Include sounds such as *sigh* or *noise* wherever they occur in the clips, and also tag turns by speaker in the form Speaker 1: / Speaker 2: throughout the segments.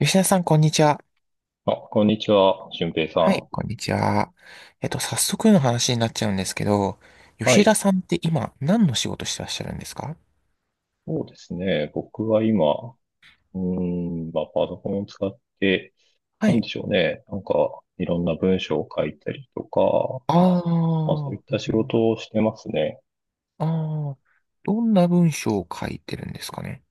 Speaker 1: 吉田さん、こんにちは。
Speaker 2: あ、こんにちは、俊平さ
Speaker 1: はい。
Speaker 2: ん。
Speaker 1: こんにちは。早速の話になっちゃうんですけど、
Speaker 2: は
Speaker 1: 吉田
Speaker 2: い。
Speaker 1: さんって今、何の仕事してらっしゃるんですか？
Speaker 2: そうですね。僕は今、まあ、パソコンを使って、
Speaker 1: は
Speaker 2: なん
Speaker 1: い。
Speaker 2: でしょうね。なんか、いろんな文章を書いたりとか、
Speaker 1: あ
Speaker 2: まあ、そうい
Speaker 1: あ、
Speaker 2: っ
Speaker 1: へ
Speaker 2: た仕
Speaker 1: ー。
Speaker 2: 事をしてますね。
Speaker 1: ああ、どんな文章を書いてるんですかね。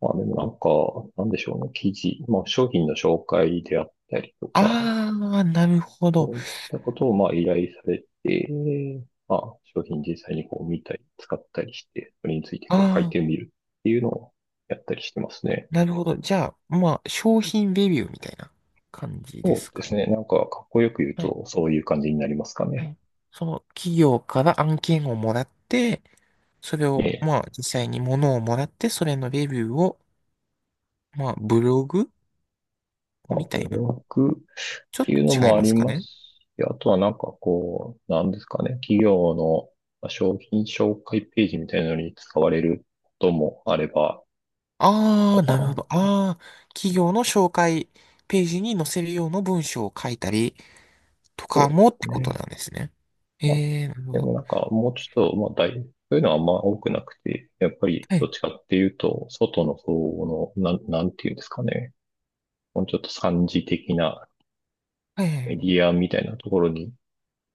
Speaker 2: まあ、でもなんか、なんでしょうね。記事、まあ、商品の紹介であったりとか、
Speaker 1: ああ、なるほど。
Speaker 2: そういったことを、まあ、依頼されて、まあ、商品実際にこう見たり、使ったりして、それについて
Speaker 1: あ
Speaker 2: こう書い
Speaker 1: あ、
Speaker 2: てみるっていうのをやったりしてますね。
Speaker 1: なるほど。じゃあ、まあ、商品レビューみたいな感じで
Speaker 2: そ
Speaker 1: す
Speaker 2: うで
Speaker 1: かね。
Speaker 2: すね。なんか、かっこよく言う
Speaker 1: はい。
Speaker 2: と、そういう感じになりますか
Speaker 1: は
Speaker 2: ね。
Speaker 1: い。その企業から案件をもらって、それ
Speaker 2: え
Speaker 1: を、
Speaker 2: え。
Speaker 1: まあ、実際に物をもらって、それのレビューを、まあ、ブログ
Speaker 2: まあ、
Speaker 1: みた
Speaker 2: ブ
Speaker 1: いな。
Speaker 2: ログっ
Speaker 1: ちょっ
Speaker 2: ていうの
Speaker 1: と違い
Speaker 2: もあ
Speaker 1: ま
Speaker 2: り
Speaker 1: すか
Speaker 2: ます
Speaker 1: ね。
Speaker 2: し、あとはなんかこう、なんですかね。企業のまあ商品紹介ページみたいなのに使われることもあれば、
Speaker 1: あ
Speaker 2: ま
Speaker 1: あ、
Speaker 2: あ、
Speaker 1: なるほ
Speaker 2: そ
Speaker 1: ど。ああ、企業の紹介ページに載せるような文章を書いたりとか
Speaker 2: う
Speaker 1: も
Speaker 2: で
Speaker 1: って
Speaker 2: す
Speaker 1: こと
Speaker 2: ね。
Speaker 1: なんですね。え
Speaker 2: まあ、
Speaker 1: え、なるほ
Speaker 2: で
Speaker 1: ど。
Speaker 2: もなんか、もうちょっと、まあ、そういうのはあんま多くなくて、やっぱり、
Speaker 1: は
Speaker 2: ど
Speaker 1: い。
Speaker 2: っちかっていうと、外の方の、なんていうんですかね。もうちょっと三次的な
Speaker 1: はいはいは
Speaker 2: メデ
Speaker 1: い。
Speaker 2: ィアみたいなところに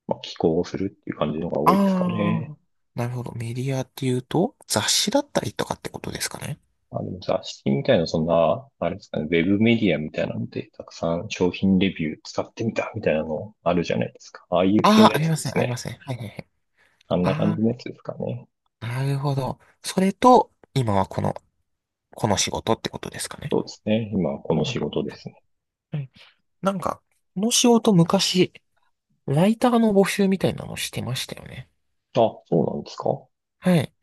Speaker 2: まあ、寄稿をするっていう感じのが
Speaker 1: あ
Speaker 2: 多いですかね。
Speaker 1: あ、なるほど。メディアっていうと、雑誌だったりとかってことですかね。
Speaker 2: まあ、でも雑誌みたいな、そんな、あれですかね、ウェブメディアみたいなので、たくさん商品レビュー使ってみたみたいなのあるじゃないですか。ああいう系
Speaker 1: あ
Speaker 2: の
Speaker 1: あ、あ
Speaker 2: や
Speaker 1: り
Speaker 2: つ
Speaker 1: ま
Speaker 2: で
Speaker 1: せん、
Speaker 2: す
Speaker 1: ありま
Speaker 2: ね。
Speaker 1: せん。はいはいはい。
Speaker 2: あんな感
Speaker 1: あ
Speaker 2: じのやつですかね。
Speaker 1: あ、なるほど。それと、今はこの、この仕事ってことですかね。
Speaker 2: そうですね。今、こ
Speaker 1: は
Speaker 2: の仕
Speaker 1: い
Speaker 2: 事ですね。
Speaker 1: はい。なんか、この仕事昔、ライターの募集みたいなのしてましたよね。
Speaker 2: あ、そうなんですか。
Speaker 1: はい。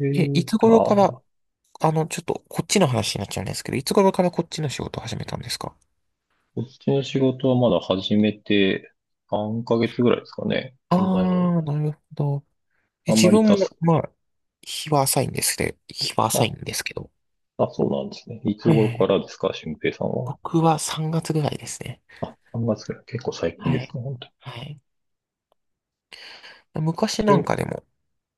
Speaker 2: え
Speaker 1: え、
Speaker 2: え、
Speaker 1: いつ
Speaker 2: あ、
Speaker 1: 頃か
Speaker 2: こ
Speaker 1: ら、あの、ちょっとこっちの話になっちゃうんですけど、いつ頃からこっちの仕事を始めたんですか？
Speaker 2: っちの仕事はまだ始めて3ヶ月ぐらいですかね。そんなに、
Speaker 1: あー、なるほど。え、
Speaker 2: あん
Speaker 1: 自
Speaker 2: まりタ
Speaker 1: 分
Speaker 2: ス
Speaker 1: も、
Speaker 2: ク、
Speaker 1: まあ、日は浅いんですけど、日は浅い
Speaker 2: あ、
Speaker 1: んですけど。
Speaker 2: あ、そうなんですね。いつ
Speaker 1: はい
Speaker 2: 頃
Speaker 1: はいは
Speaker 2: か
Speaker 1: い。
Speaker 2: らですか、俊平さんは。
Speaker 1: 僕は3月ぐらいですね。
Speaker 2: あ、3月から。結構最近
Speaker 1: は
Speaker 2: です
Speaker 1: い。
Speaker 2: ね、本
Speaker 1: はい。昔
Speaker 2: 当
Speaker 1: なん
Speaker 2: に。
Speaker 1: かでも、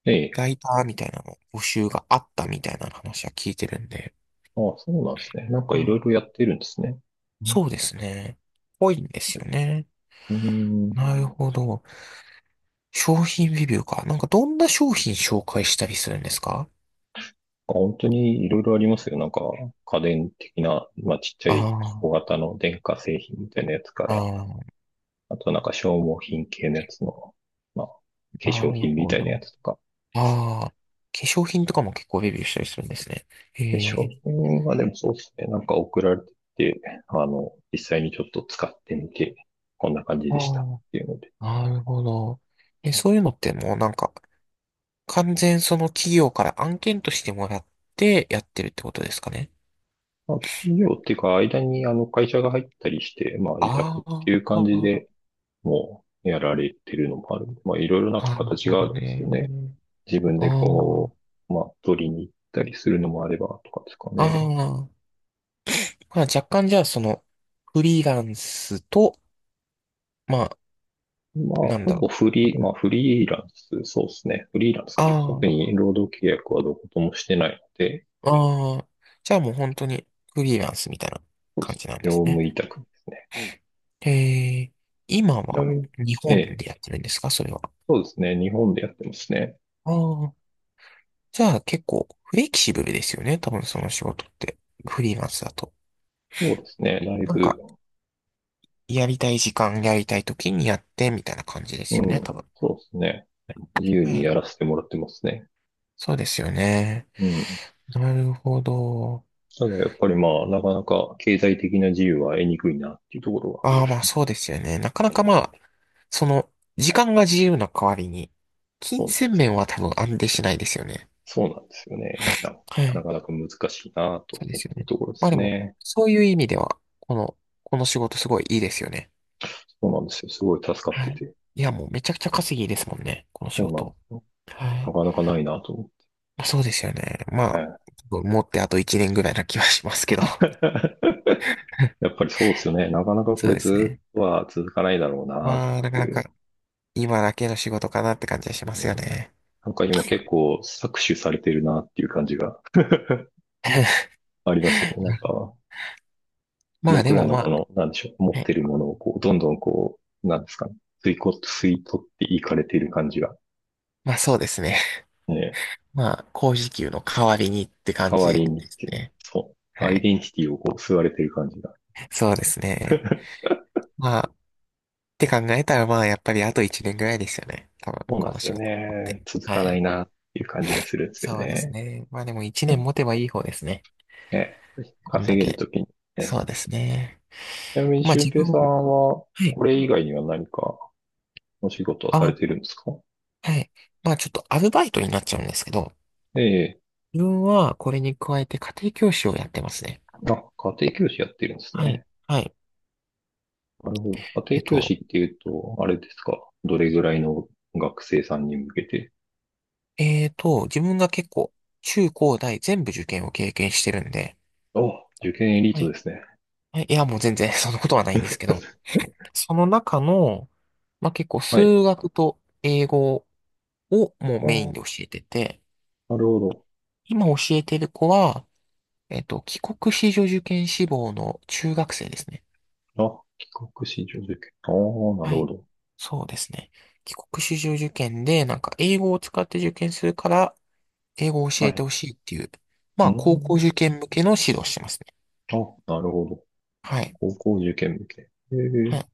Speaker 2: ええ。
Speaker 1: ライターみたいなの募集があったみたいな話は聞いてるんで。
Speaker 2: あ、そうなんですね。なんか
Speaker 1: う
Speaker 2: いろい
Speaker 1: ん、
Speaker 2: ろやってるんですね。うん。
Speaker 1: そうですね。ぽいんですよね。
Speaker 2: うーん。
Speaker 1: なるほど。商品レビューか。なんかどんな商品紹介したりするんですか？
Speaker 2: あ、本当にいろいろありますよ。なんか家電的な、まあちっちゃ
Speaker 1: あ
Speaker 2: い小
Speaker 1: あ、
Speaker 2: 型の電化製品みたいなやつから、
Speaker 1: あ
Speaker 2: あとなんか消耗品系のやつの、まあ化
Speaker 1: あ、な
Speaker 2: 粧
Speaker 1: る
Speaker 2: 品み
Speaker 1: ほ
Speaker 2: たいなや
Speaker 1: ど。
Speaker 2: つとか。
Speaker 1: ああ、化粧品とかも結構レビューしたりするんですね。え
Speaker 2: 化粧
Speaker 1: え、
Speaker 2: 品はでもそうですね。なんか送られてきて、あの、実際にちょっと使ってみて、こんな感じでしたっ
Speaker 1: あ
Speaker 2: ていうので。
Speaker 1: あ、なるほど。え、そういうのってもうなんか、完全その企業から案件としてもらってやってるってことですかね。
Speaker 2: まあ、企業っていうか、間にあの会社が入ったりして、まあ、委託
Speaker 1: あ
Speaker 2: っていう感じ
Speaker 1: あ、
Speaker 2: でもうやられてるのもあるんで。まあ、いろいろなんか
Speaker 1: なる
Speaker 2: 形
Speaker 1: ほ
Speaker 2: があ
Speaker 1: ど
Speaker 2: るんです
Speaker 1: ね。
Speaker 2: よね。自分で
Speaker 1: あ
Speaker 2: こう、まあ、取りに行ったりするのもあればとかですか
Speaker 1: あ、ああ、
Speaker 2: ね。
Speaker 1: まあ若干じゃあその、フリーランスと、まあ、
Speaker 2: まあ、
Speaker 1: なん
Speaker 2: ほ
Speaker 1: だろ
Speaker 2: ぼ
Speaker 1: う。
Speaker 2: フリー、まあ、フリーランス、そうですね。フリーランスですね。特
Speaker 1: あ
Speaker 2: に労働契約はどこともしてないので、
Speaker 1: あ、ああ。じゃあもう本当にフリーランスみたいな
Speaker 2: そうで
Speaker 1: 感
Speaker 2: すね。
Speaker 1: じなんで
Speaker 2: 業
Speaker 1: すね。
Speaker 2: 務委託ですね。
Speaker 1: へえ、今
Speaker 2: ちな
Speaker 1: は
Speaker 2: みに
Speaker 1: 日
Speaker 2: え
Speaker 1: 本
Speaker 2: え、
Speaker 1: でやってるんですかそれは。
Speaker 2: そうですね。日本でやってますね。
Speaker 1: ああ、じゃあ結構フレキシブルですよね。多分その仕事って。フリーランスだと。
Speaker 2: そうですね。だい
Speaker 1: なん
Speaker 2: ぶ、
Speaker 1: か、やりたい時間、やりたい時にやってみたいな感じです
Speaker 2: う
Speaker 1: よね。
Speaker 2: ん、
Speaker 1: 多分。
Speaker 2: そうですね。自由
Speaker 1: は
Speaker 2: に
Speaker 1: い。
Speaker 2: やらせてもらってますね。
Speaker 1: そうですよね。
Speaker 2: うん。
Speaker 1: なるほど。
Speaker 2: ただやっぱりまあ、なかなか経済的な自由は得にくいなっていうところは、
Speaker 1: ああ、まあそうですよね。なかな
Speaker 2: え
Speaker 1: かま
Speaker 2: ー
Speaker 1: あ、その、時間が自由な代わりに、
Speaker 2: そ
Speaker 1: 金
Speaker 2: うなん
Speaker 1: 銭
Speaker 2: です。
Speaker 1: 面は多分安定しないですよね。
Speaker 2: そうなんですよね。なんか、
Speaker 1: は
Speaker 2: な
Speaker 1: い。
Speaker 2: かなか難しいな
Speaker 1: そ
Speaker 2: と
Speaker 1: うで
Speaker 2: 思っ
Speaker 1: すよ
Speaker 2: ている
Speaker 1: ね。
Speaker 2: ところで
Speaker 1: まあ
Speaker 2: す
Speaker 1: でも、
Speaker 2: ね。
Speaker 1: そういう意味では、この、この仕事すごいいいですよね。
Speaker 2: そうなんですよ。すごい助かっ
Speaker 1: は
Speaker 2: て
Speaker 1: い。
Speaker 2: て。
Speaker 1: いや、もうめちゃくちゃ稼ぎいいですもんね、この仕
Speaker 2: そうなんで
Speaker 1: 事。
Speaker 2: すよ。
Speaker 1: は
Speaker 2: な
Speaker 1: い。
Speaker 2: かなかないなと思って。
Speaker 1: まあ、そうですよね。ま
Speaker 2: え
Speaker 1: あ、
Speaker 2: え。
Speaker 1: 持ってあと1年ぐらいな気はしますけど。
Speaker 2: *laughs* や
Speaker 1: *laughs*
Speaker 2: っぱりそうですよね。なかなかこ
Speaker 1: そう
Speaker 2: れ
Speaker 1: です
Speaker 2: ず
Speaker 1: ね。
Speaker 2: っとは続かないだろうなっ
Speaker 1: まあ、な
Speaker 2: て
Speaker 1: かな
Speaker 2: い
Speaker 1: か
Speaker 2: う。
Speaker 1: 今だけの仕事かなって感じがし
Speaker 2: う
Speaker 1: ますよ
Speaker 2: ん。
Speaker 1: ね。
Speaker 2: なんか今結構搾取されてるなっていう感じが
Speaker 1: *laughs*
Speaker 2: ありますよね。なんか、
Speaker 1: まあで
Speaker 2: 僕ら
Speaker 1: も
Speaker 2: の
Speaker 1: ま
Speaker 2: こ
Speaker 1: あ、
Speaker 2: の、なんでしょう、持っ
Speaker 1: は
Speaker 2: て
Speaker 1: い、
Speaker 2: るものをこう、どんどんこう、なんですかね、吸い取っていかれている感じが、
Speaker 1: まあそうですね。
Speaker 2: ね、
Speaker 1: まあ、高時給の代わりにって感
Speaker 2: 代わ
Speaker 1: じ
Speaker 2: り
Speaker 1: で
Speaker 2: にっ
Speaker 1: す
Speaker 2: ていう、
Speaker 1: ね。
Speaker 2: そう、
Speaker 1: は
Speaker 2: アイ
Speaker 1: い。
Speaker 2: デンティティをこう、吸われている感じが。
Speaker 1: そうですね。まあって考えたら、まあ、やっぱりあと1年ぐらいですよね。多分、
Speaker 2: そうな
Speaker 1: こ
Speaker 2: んで
Speaker 1: の
Speaker 2: す
Speaker 1: 仕
Speaker 2: よ
Speaker 1: 事持って
Speaker 2: ね。
Speaker 1: る。
Speaker 2: 続
Speaker 1: は
Speaker 2: かな
Speaker 1: い。
Speaker 2: いなっていう感じがするんですよ
Speaker 1: そうです
Speaker 2: ね。
Speaker 1: ね。まあでも1年持てばいい方ですね。
Speaker 2: ね、
Speaker 1: こんだ
Speaker 2: 稼げる
Speaker 1: け。
Speaker 2: ときにね。
Speaker 1: そうですね。
Speaker 2: ちなみに、
Speaker 1: まあ
Speaker 2: 俊
Speaker 1: 自分、
Speaker 2: 平さんは、
Speaker 1: はい。
Speaker 2: これ以外には何かお仕事は
Speaker 1: あ、
Speaker 2: され
Speaker 1: は
Speaker 2: てるんですか？
Speaker 1: い。まあちょっとアルバイトになっちゃうんですけど、
Speaker 2: ええ、
Speaker 1: 自分はこれに加えて家庭教師をやってますね。
Speaker 2: あ、家庭教師やってるんです
Speaker 1: はい。
Speaker 2: ね。
Speaker 1: はい。
Speaker 2: なるほど。家
Speaker 1: えっ
Speaker 2: 庭教師
Speaker 1: と、
Speaker 2: っていうと、あれですか。どれぐらいの学生さんに向けて。
Speaker 1: 自分が結構、中高大全部受験を経験してるんで、
Speaker 2: あ、受験エリー
Speaker 1: は
Speaker 2: トで
Speaker 1: い。
Speaker 2: すね。
Speaker 1: はいいや、もう全然 *laughs* そんなことはないんですけど、その中の、まあ、結構
Speaker 2: はい。
Speaker 1: 数学と英語をもうメイ
Speaker 2: あ
Speaker 1: ンで教
Speaker 2: あ、
Speaker 1: えてて、
Speaker 2: なるほ
Speaker 1: 今教えてる子は、帰国子女受験志望の中学生ですね。
Speaker 2: ど。あ、帰国子女受験。ああ、な
Speaker 1: は
Speaker 2: るほ
Speaker 1: い。
Speaker 2: ど。
Speaker 1: そうですね。帰国子女受験で、なんか英語を使って受験するから、英語を教
Speaker 2: は
Speaker 1: えて
Speaker 2: い。
Speaker 1: ほしいっていう、ま
Speaker 2: うー
Speaker 1: あ、高校受
Speaker 2: ん。
Speaker 1: 験向けの指導をしてますね。
Speaker 2: あ、なるほど。
Speaker 1: はい。
Speaker 2: 高校受験向け。ええ。
Speaker 1: はい。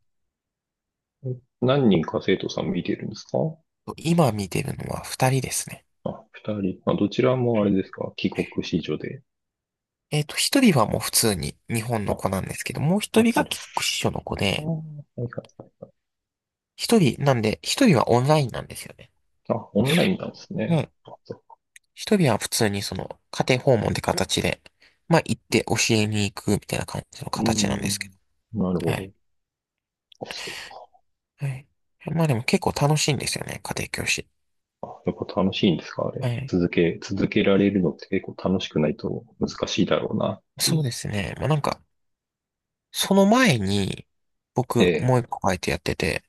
Speaker 2: 何人か生徒さん見てるんですか？
Speaker 1: 今見てるのは二人ですね。
Speaker 2: あ、二人。あ、どちらもあ
Speaker 1: は
Speaker 2: れ
Speaker 1: い。
Speaker 2: ですか。帰国子女で。
Speaker 1: えっと、一人はもう普通に日本の
Speaker 2: あ、
Speaker 1: 子なんですけど、もう一
Speaker 2: なる
Speaker 1: 人
Speaker 2: ほ
Speaker 1: が
Speaker 2: ど。
Speaker 1: 帰国子女の子
Speaker 2: ああ、
Speaker 1: で、
Speaker 2: はいはいはいはい。
Speaker 1: 一人、なんで、一人はオンラインなんですよね。
Speaker 2: あ、オンラインなんです
Speaker 1: も
Speaker 2: ね。
Speaker 1: う、
Speaker 2: あ、そ
Speaker 1: 一人は普通にその、家庭訪問って形で、まあ行って教えに行くみたいな感じの
Speaker 2: う。うー
Speaker 1: 形なんですけ
Speaker 2: ん。なる
Speaker 1: ど。
Speaker 2: ほ
Speaker 1: は
Speaker 2: ど。
Speaker 1: い。
Speaker 2: あ、そう
Speaker 1: はい。まあでも結構楽しいんですよね、家庭教師。
Speaker 2: か。やっぱ楽しいんですかあ
Speaker 1: は
Speaker 2: れ。
Speaker 1: い。
Speaker 2: 続けられるのって結構楽しくないと難しいだろうな。う
Speaker 1: そう
Speaker 2: ん。
Speaker 1: ですね。まあなんか、その前に、
Speaker 2: え
Speaker 1: 僕、
Speaker 2: え、
Speaker 1: もう一個バイトやってて、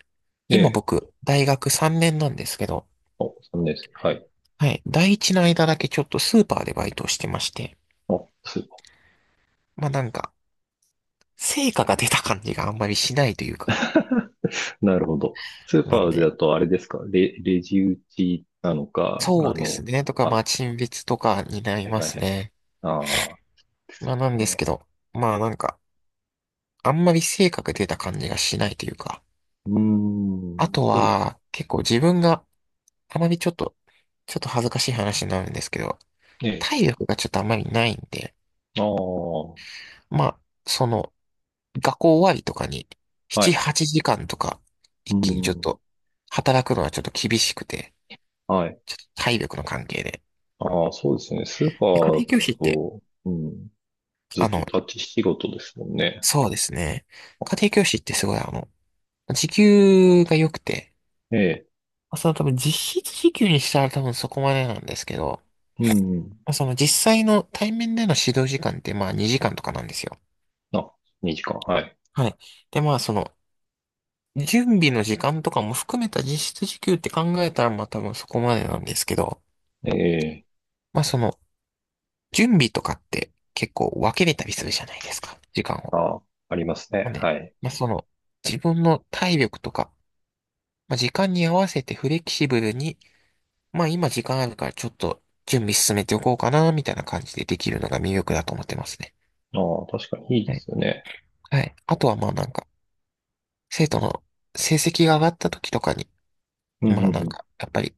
Speaker 2: え
Speaker 1: 今
Speaker 2: え。
Speaker 1: 僕、大学3年なんですけど、
Speaker 2: あ、3年生。はい。
Speaker 1: はい。第一の間だけちょっとスーパーでバイトをしてまして、
Speaker 2: あ、スー
Speaker 1: まあなんか、成果が出た感じがあんまりしないというか、
Speaker 2: パー。*laughs* なるほど。スー
Speaker 1: な
Speaker 2: パ
Speaker 1: ん
Speaker 2: ー
Speaker 1: で、
Speaker 2: だとあれですか。レジ打ちなのか、
Speaker 1: そ
Speaker 2: あ
Speaker 1: うです
Speaker 2: の、
Speaker 1: ね。とか、ま
Speaker 2: あ、
Speaker 1: あ、陳列とかになり
Speaker 2: はい
Speaker 1: ま
Speaker 2: はいは
Speaker 1: す
Speaker 2: い。
Speaker 1: ね。
Speaker 2: ああ、です
Speaker 1: ま
Speaker 2: よ
Speaker 1: あ、なんですけ
Speaker 2: ね。
Speaker 1: ど、まあ、なんか、あんまり性格出た感じがしないというか、
Speaker 2: うー
Speaker 1: あ
Speaker 2: ん、
Speaker 1: と
Speaker 2: そうです
Speaker 1: は、結構自分があまりちょっと、ちょっと恥ずかしい話になるんですけど、
Speaker 2: ね。
Speaker 1: 体力がちょっとあまりないんで、
Speaker 2: ああ、は
Speaker 1: まあ、その、学校終わりとかに、
Speaker 2: い。
Speaker 1: 7、8時間とか、
Speaker 2: う
Speaker 1: 一気にちょっ
Speaker 2: ん、
Speaker 1: と、働くのはちょっと厳しくて、
Speaker 2: はい。
Speaker 1: ちょっと体力の関係で。
Speaker 2: ああ、そうですね。スーパ
Speaker 1: で、家
Speaker 2: ー
Speaker 1: 庭教
Speaker 2: だ
Speaker 1: 師って、
Speaker 2: と、うん、ずっ
Speaker 1: あの、
Speaker 2: と立ち仕事ですもんね。
Speaker 1: そうですね。家庭教師ってすごいあの、時給が良くて、
Speaker 2: ええ、
Speaker 1: まあその多分実質時給にしたら多分そこまでなんですけど、
Speaker 2: うん。
Speaker 1: まあその実際の対面での指導時間ってまあ2時間とかなんですよ。
Speaker 2: あ、2時間。はい。
Speaker 1: はい。でまあその準備の時間とかも含めた実質時給って考えたらまあ多分そこまでなんですけど、
Speaker 2: ええ、
Speaker 1: まあその準備とかって結構分けれたりするじゃないですか、時間を。
Speaker 2: あ、あります
Speaker 1: なん
Speaker 2: ね。
Speaker 1: で、
Speaker 2: はい。
Speaker 1: まあその自分の体力とか、まあ時間に合わせてフレキシブルに、まあ今時間あるからちょっと準備進めておこうかな、みたいな感じでできるのが魅力だと思ってますね。
Speaker 2: ああ、確かにいい
Speaker 1: は
Speaker 2: で
Speaker 1: い。
Speaker 2: すよね。
Speaker 1: はい。あとはまあなんか、生徒の成績が上がった時とかに、
Speaker 2: うん、
Speaker 1: まあなん
Speaker 2: うん、
Speaker 1: か、やっぱり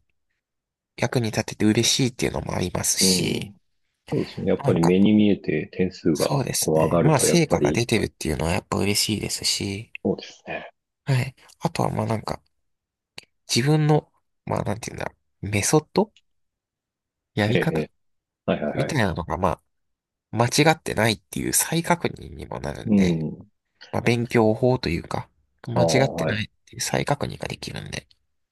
Speaker 1: 役に立てて嬉しいっていうのもあります
Speaker 2: うん。う
Speaker 1: し、
Speaker 2: ん。そうですね。やっぱ
Speaker 1: なん
Speaker 2: り
Speaker 1: か、
Speaker 2: 目に見えて点数
Speaker 1: そう
Speaker 2: が
Speaker 1: です
Speaker 2: こう上
Speaker 1: ね。
Speaker 2: がる
Speaker 1: まあ
Speaker 2: と、やっ
Speaker 1: 成
Speaker 2: ぱ
Speaker 1: 果が
Speaker 2: り、
Speaker 1: 出てるっていうのはやっぱ嬉しいですし、
Speaker 2: そうですね。
Speaker 1: はい。あとはまあなんか、自分の、まあなんていうんだろう、メソッド、や
Speaker 2: え
Speaker 1: り
Speaker 2: え、え
Speaker 1: 方
Speaker 2: え。はいはい
Speaker 1: み
Speaker 2: は
Speaker 1: たい
Speaker 2: い。
Speaker 1: なのがまあ、間違ってないっていう再確認にもなるん
Speaker 2: う
Speaker 1: で、
Speaker 2: ん。
Speaker 1: まあ、勉強法というか、
Speaker 2: ああ、
Speaker 1: 間違って
Speaker 2: は
Speaker 1: な
Speaker 2: い。
Speaker 1: いっていう再確認ができるんで、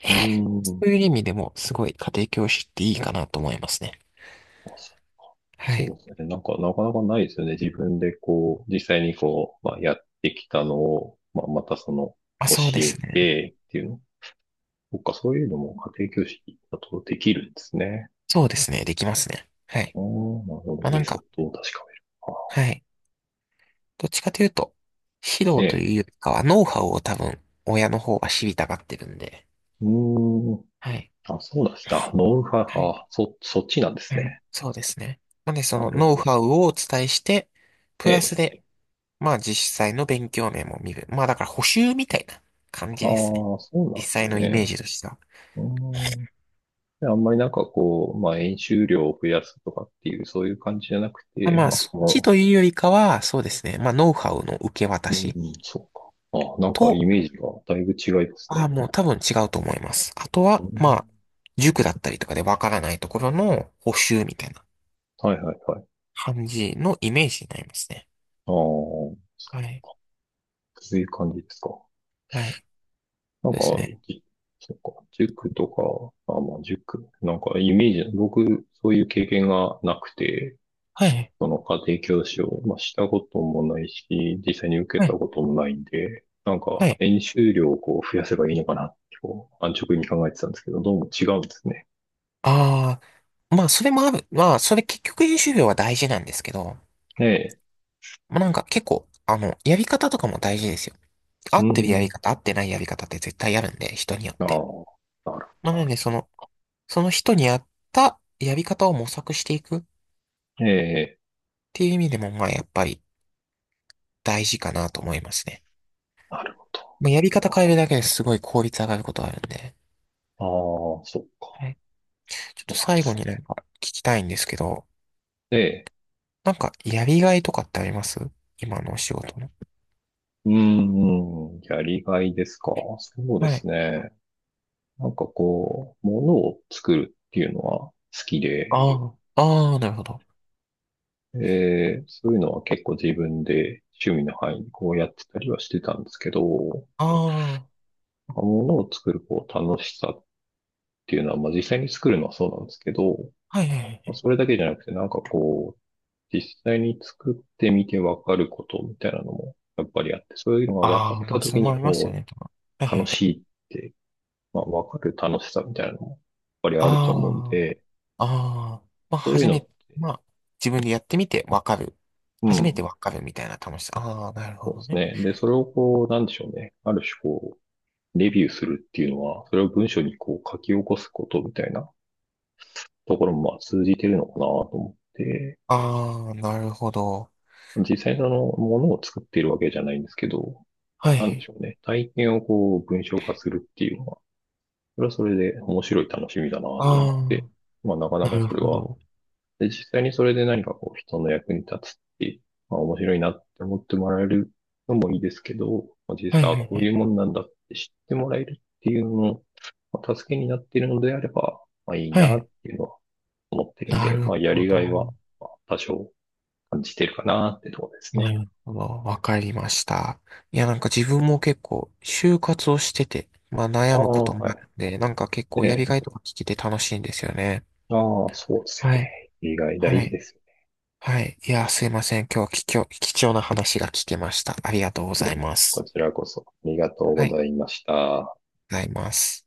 Speaker 2: う
Speaker 1: そ
Speaker 2: ん。
Speaker 1: ういう意味でもすごい家庭教師っていいかなと思いますね。
Speaker 2: あ、
Speaker 1: はい。
Speaker 2: そうですね。なんか、なかなかないですよね。自分でこう、実際にこう、まあ、やってきたのを、まあ、またその、
Speaker 1: まあ、
Speaker 2: 教
Speaker 1: そうで
Speaker 2: え
Speaker 1: すね。
Speaker 2: てっていうの。そっか、そういうのも家庭教師だとできるんですね。
Speaker 1: そうですね。できますね。はい。
Speaker 2: ああ、なるほど。
Speaker 1: まあ、な
Speaker 2: メ
Speaker 1: ん
Speaker 2: ソッ
Speaker 1: か、
Speaker 2: ドを確かめる。あ、
Speaker 1: はい。どっちかというと、指導
Speaker 2: え
Speaker 1: と
Speaker 2: え。
Speaker 1: いうよりかは、ノウハウを多分、親の方が知りたがってるんで。
Speaker 2: うーん。
Speaker 1: はい。
Speaker 2: あ、そうでした。ノウハウ、
Speaker 1: はい。
Speaker 2: あ、そっちなんです
Speaker 1: はい。
Speaker 2: ね。
Speaker 1: そうですね。なので、そ
Speaker 2: な
Speaker 1: の
Speaker 2: る
Speaker 1: ノ
Speaker 2: ほ
Speaker 1: ウ
Speaker 2: ど。
Speaker 1: ハウをお伝えして、プ
Speaker 2: え
Speaker 1: ラス
Speaker 2: え。
Speaker 1: で、まあ実際の勉強面も見る。まあだから補習みたいな感
Speaker 2: ああ、
Speaker 1: じですね。
Speaker 2: そうな
Speaker 1: 実
Speaker 2: んです
Speaker 1: 際のイメー
Speaker 2: ね。
Speaker 1: ジとしては。
Speaker 2: うーん。であんまりなんかこう、まあ、演習量を増やすとかっていう、そういう感じじゃなく
Speaker 1: まあ
Speaker 2: て、
Speaker 1: まあ
Speaker 2: まあ、
Speaker 1: そっち
Speaker 2: こ
Speaker 1: というよりかは、そうですね。まあノウハウの受け渡
Speaker 2: の、う
Speaker 1: し
Speaker 2: ん、そうか。あ、なんか
Speaker 1: と、
Speaker 2: イメージがだいぶ違います
Speaker 1: ああ
Speaker 2: ね。
Speaker 1: もう多分違うと思います。あと
Speaker 2: う
Speaker 1: は、まあ、
Speaker 2: ん、
Speaker 1: 塾だったりとかでわからないところの補習みたいな
Speaker 2: はいはいはい。あ
Speaker 1: 感じのイメージになりますね。
Speaker 2: あ、そう、
Speaker 1: はい。
Speaker 2: そういう感じですか。
Speaker 1: はい。
Speaker 2: なん
Speaker 1: そうで
Speaker 2: か、
Speaker 1: すね。
Speaker 2: じそうか、塾とか、あ、まあ、塾、なんかイメージ、僕、そういう経験がなくて、
Speaker 1: はい。
Speaker 2: その家庭教師を、まあ、したこともないし、実際に受
Speaker 1: は
Speaker 2: けた
Speaker 1: い。
Speaker 2: こともないんで、なん
Speaker 1: は
Speaker 2: か、
Speaker 1: い。
Speaker 2: 演習量をこう増やせばいいのかなって、こう、安直に考えてたんですけど、どうも違うんですね。
Speaker 1: ああ、まあそれもある。まあそれ結局演習量は大事なんですけど、
Speaker 2: ええ、
Speaker 1: まあ、なんか結構、あの、やり方とかも大事ですよ。合
Speaker 2: う
Speaker 1: ってるやり
Speaker 2: ん、
Speaker 1: 方、合ってないやり方って絶対あるんで、人によっ
Speaker 2: ああ、
Speaker 1: て。
Speaker 2: なるほ
Speaker 1: まあ、なので、その、その人に合ったやり方を模索していくっ
Speaker 2: ど。ええ、
Speaker 1: ていう意味でも、まあ、やっぱり大事かなと思いますね。
Speaker 2: なるほ
Speaker 1: まあ、やり方
Speaker 2: ど。わ
Speaker 1: 変える
Speaker 2: か
Speaker 1: だ
Speaker 2: る。
Speaker 1: けですごい効率上がることあるんで。
Speaker 2: ああ、そっ
Speaker 1: は
Speaker 2: か、
Speaker 1: い。ちょっ
Speaker 2: そ
Speaker 1: と
Speaker 2: うなんで
Speaker 1: 最後
Speaker 2: すね。
Speaker 1: になんか聞きたいんですけど、
Speaker 2: ええ。
Speaker 1: なんかやりがいとかってあります？今のお仕事の。
Speaker 2: うーん、やりがいですか。そうで
Speaker 1: はい。
Speaker 2: すね。なんかこう、ものを作るっていうのは好きで、
Speaker 1: ああ、ああ、なるほど。
Speaker 2: そういうのは結構自分で趣味の範囲にこうやってたりはしてたんですけど、も
Speaker 1: ああ、は
Speaker 2: のを作るこう楽しさっていうのは、まあ実際に作るのはそうなんですけど、
Speaker 1: いはいはい
Speaker 2: ま
Speaker 1: は
Speaker 2: あ
Speaker 1: い。
Speaker 2: それだけじゃなくてなんかこう、実際に作ってみてわかることみたいなのもやっぱりあって、そういうのが分かっ
Speaker 1: ああ、ま
Speaker 2: た
Speaker 1: あ、そ
Speaker 2: 時
Speaker 1: れも
Speaker 2: に
Speaker 1: ありますよ
Speaker 2: こ
Speaker 1: ね、とか。は
Speaker 2: う、
Speaker 1: いはいは
Speaker 2: 楽
Speaker 1: い。
Speaker 2: しいってまあ、わかる楽しさみたいなのも、やっぱりあると思うん
Speaker 1: あ
Speaker 2: で、
Speaker 1: あ、ああ、まあ、
Speaker 2: そういう
Speaker 1: 初
Speaker 2: の、
Speaker 1: め、まあ、自分でやってみてわかる。
Speaker 2: う
Speaker 1: 初めて
Speaker 2: ん、
Speaker 1: わかるみたいな楽しさ。ああ、なるほ
Speaker 2: そうで
Speaker 1: ど
Speaker 2: す
Speaker 1: ね。
Speaker 2: ね。で、それをこう、なんでしょうね。ある種こう、レビューするっていうのは、それを文章にこう書き起こすことみたいなところもまあ通じてるのかなと思って、
Speaker 1: ああ、なるほど。
Speaker 2: 実際そのものを作っているわけじゃないんですけど、
Speaker 1: は
Speaker 2: なんで
Speaker 1: い。
Speaker 2: しょうね。体験をこう、文章化するっていうのは、それはそれで面白い楽しみだなと思っ
Speaker 1: あ
Speaker 2: て、まあなかな
Speaker 1: あ、な
Speaker 2: か
Speaker 1: る
Speaker 2: それ
Speaker 1: ほ
Speaker 2: は
Speaker 1: ど。
Speaker 2: で、実際にそれで何かこう人の役に立つっていう、まあ面白いなって思ってもらえるのもいいですけど、まあ、実
Speaker 1: は
Speaker 2: 際
Speaker 1: い
Speaker 2: は
Speaker 1: はい
Speaker 2: こ
Speaker 1: は
Speaker 2: うい
Speaker 1: い。
Speaker 2: うもんなんだって知ってもらえるっていうのの、まあ、助けになっているのであれば、まあいい
Speaker 1: は
Speaker 2: な
Speaker 1: い。
Speaker 2: っていうのは思ってるん
Speaker 1: な
Speaker 2: で、
Speaker 1: る
Speaker 2: まあや
Speaker 1: ほ
Speaker 2: り
Speaker 1: ど。
Speaker 2: がいは多少感じてるかなってところです
Speaker 1: な
Speaker 2: ね。
Speaker 1: るほど。わかりました。いや、なんか自分も結構、就活をしてて、まあ
Speaker 2: あ
Speaker 1: 悩むこと
Speaker 2: あ、
Speaker 1: も
Speaker 2: は
Speaker 1: あ
Speaker 2: い。
Speaker 1: るんで、なんか結構やり
Speaker 2: ね。
Speaker 1: がいとか聞けて楽しいんですよね。
Speaker 2: ああ、そうですよ
Speaker 1: は
Speaker 2: ね。
Speaker 1: い。
Speaker 2: やりがい大
Speaker 1: は
Speaker 2: 事
Speaker 1: い。
Speaker 2: ですよ
Speaker 1: はい。いや、すいません。今日は貴重な話が聞けました。ありがとうご
Speaker 2: ね。
Speaker 1: ざい
Speaker 2: いえ、
Speaker 1: ま
Speaker 2: こ
Speaker 1: す。
Speaker 2: ちらこそありがとう
Speaker 1: は
Speaker 2: ご
Speaker 1: い。
Speaker 2: ざいました。
Speaker 1: ございます。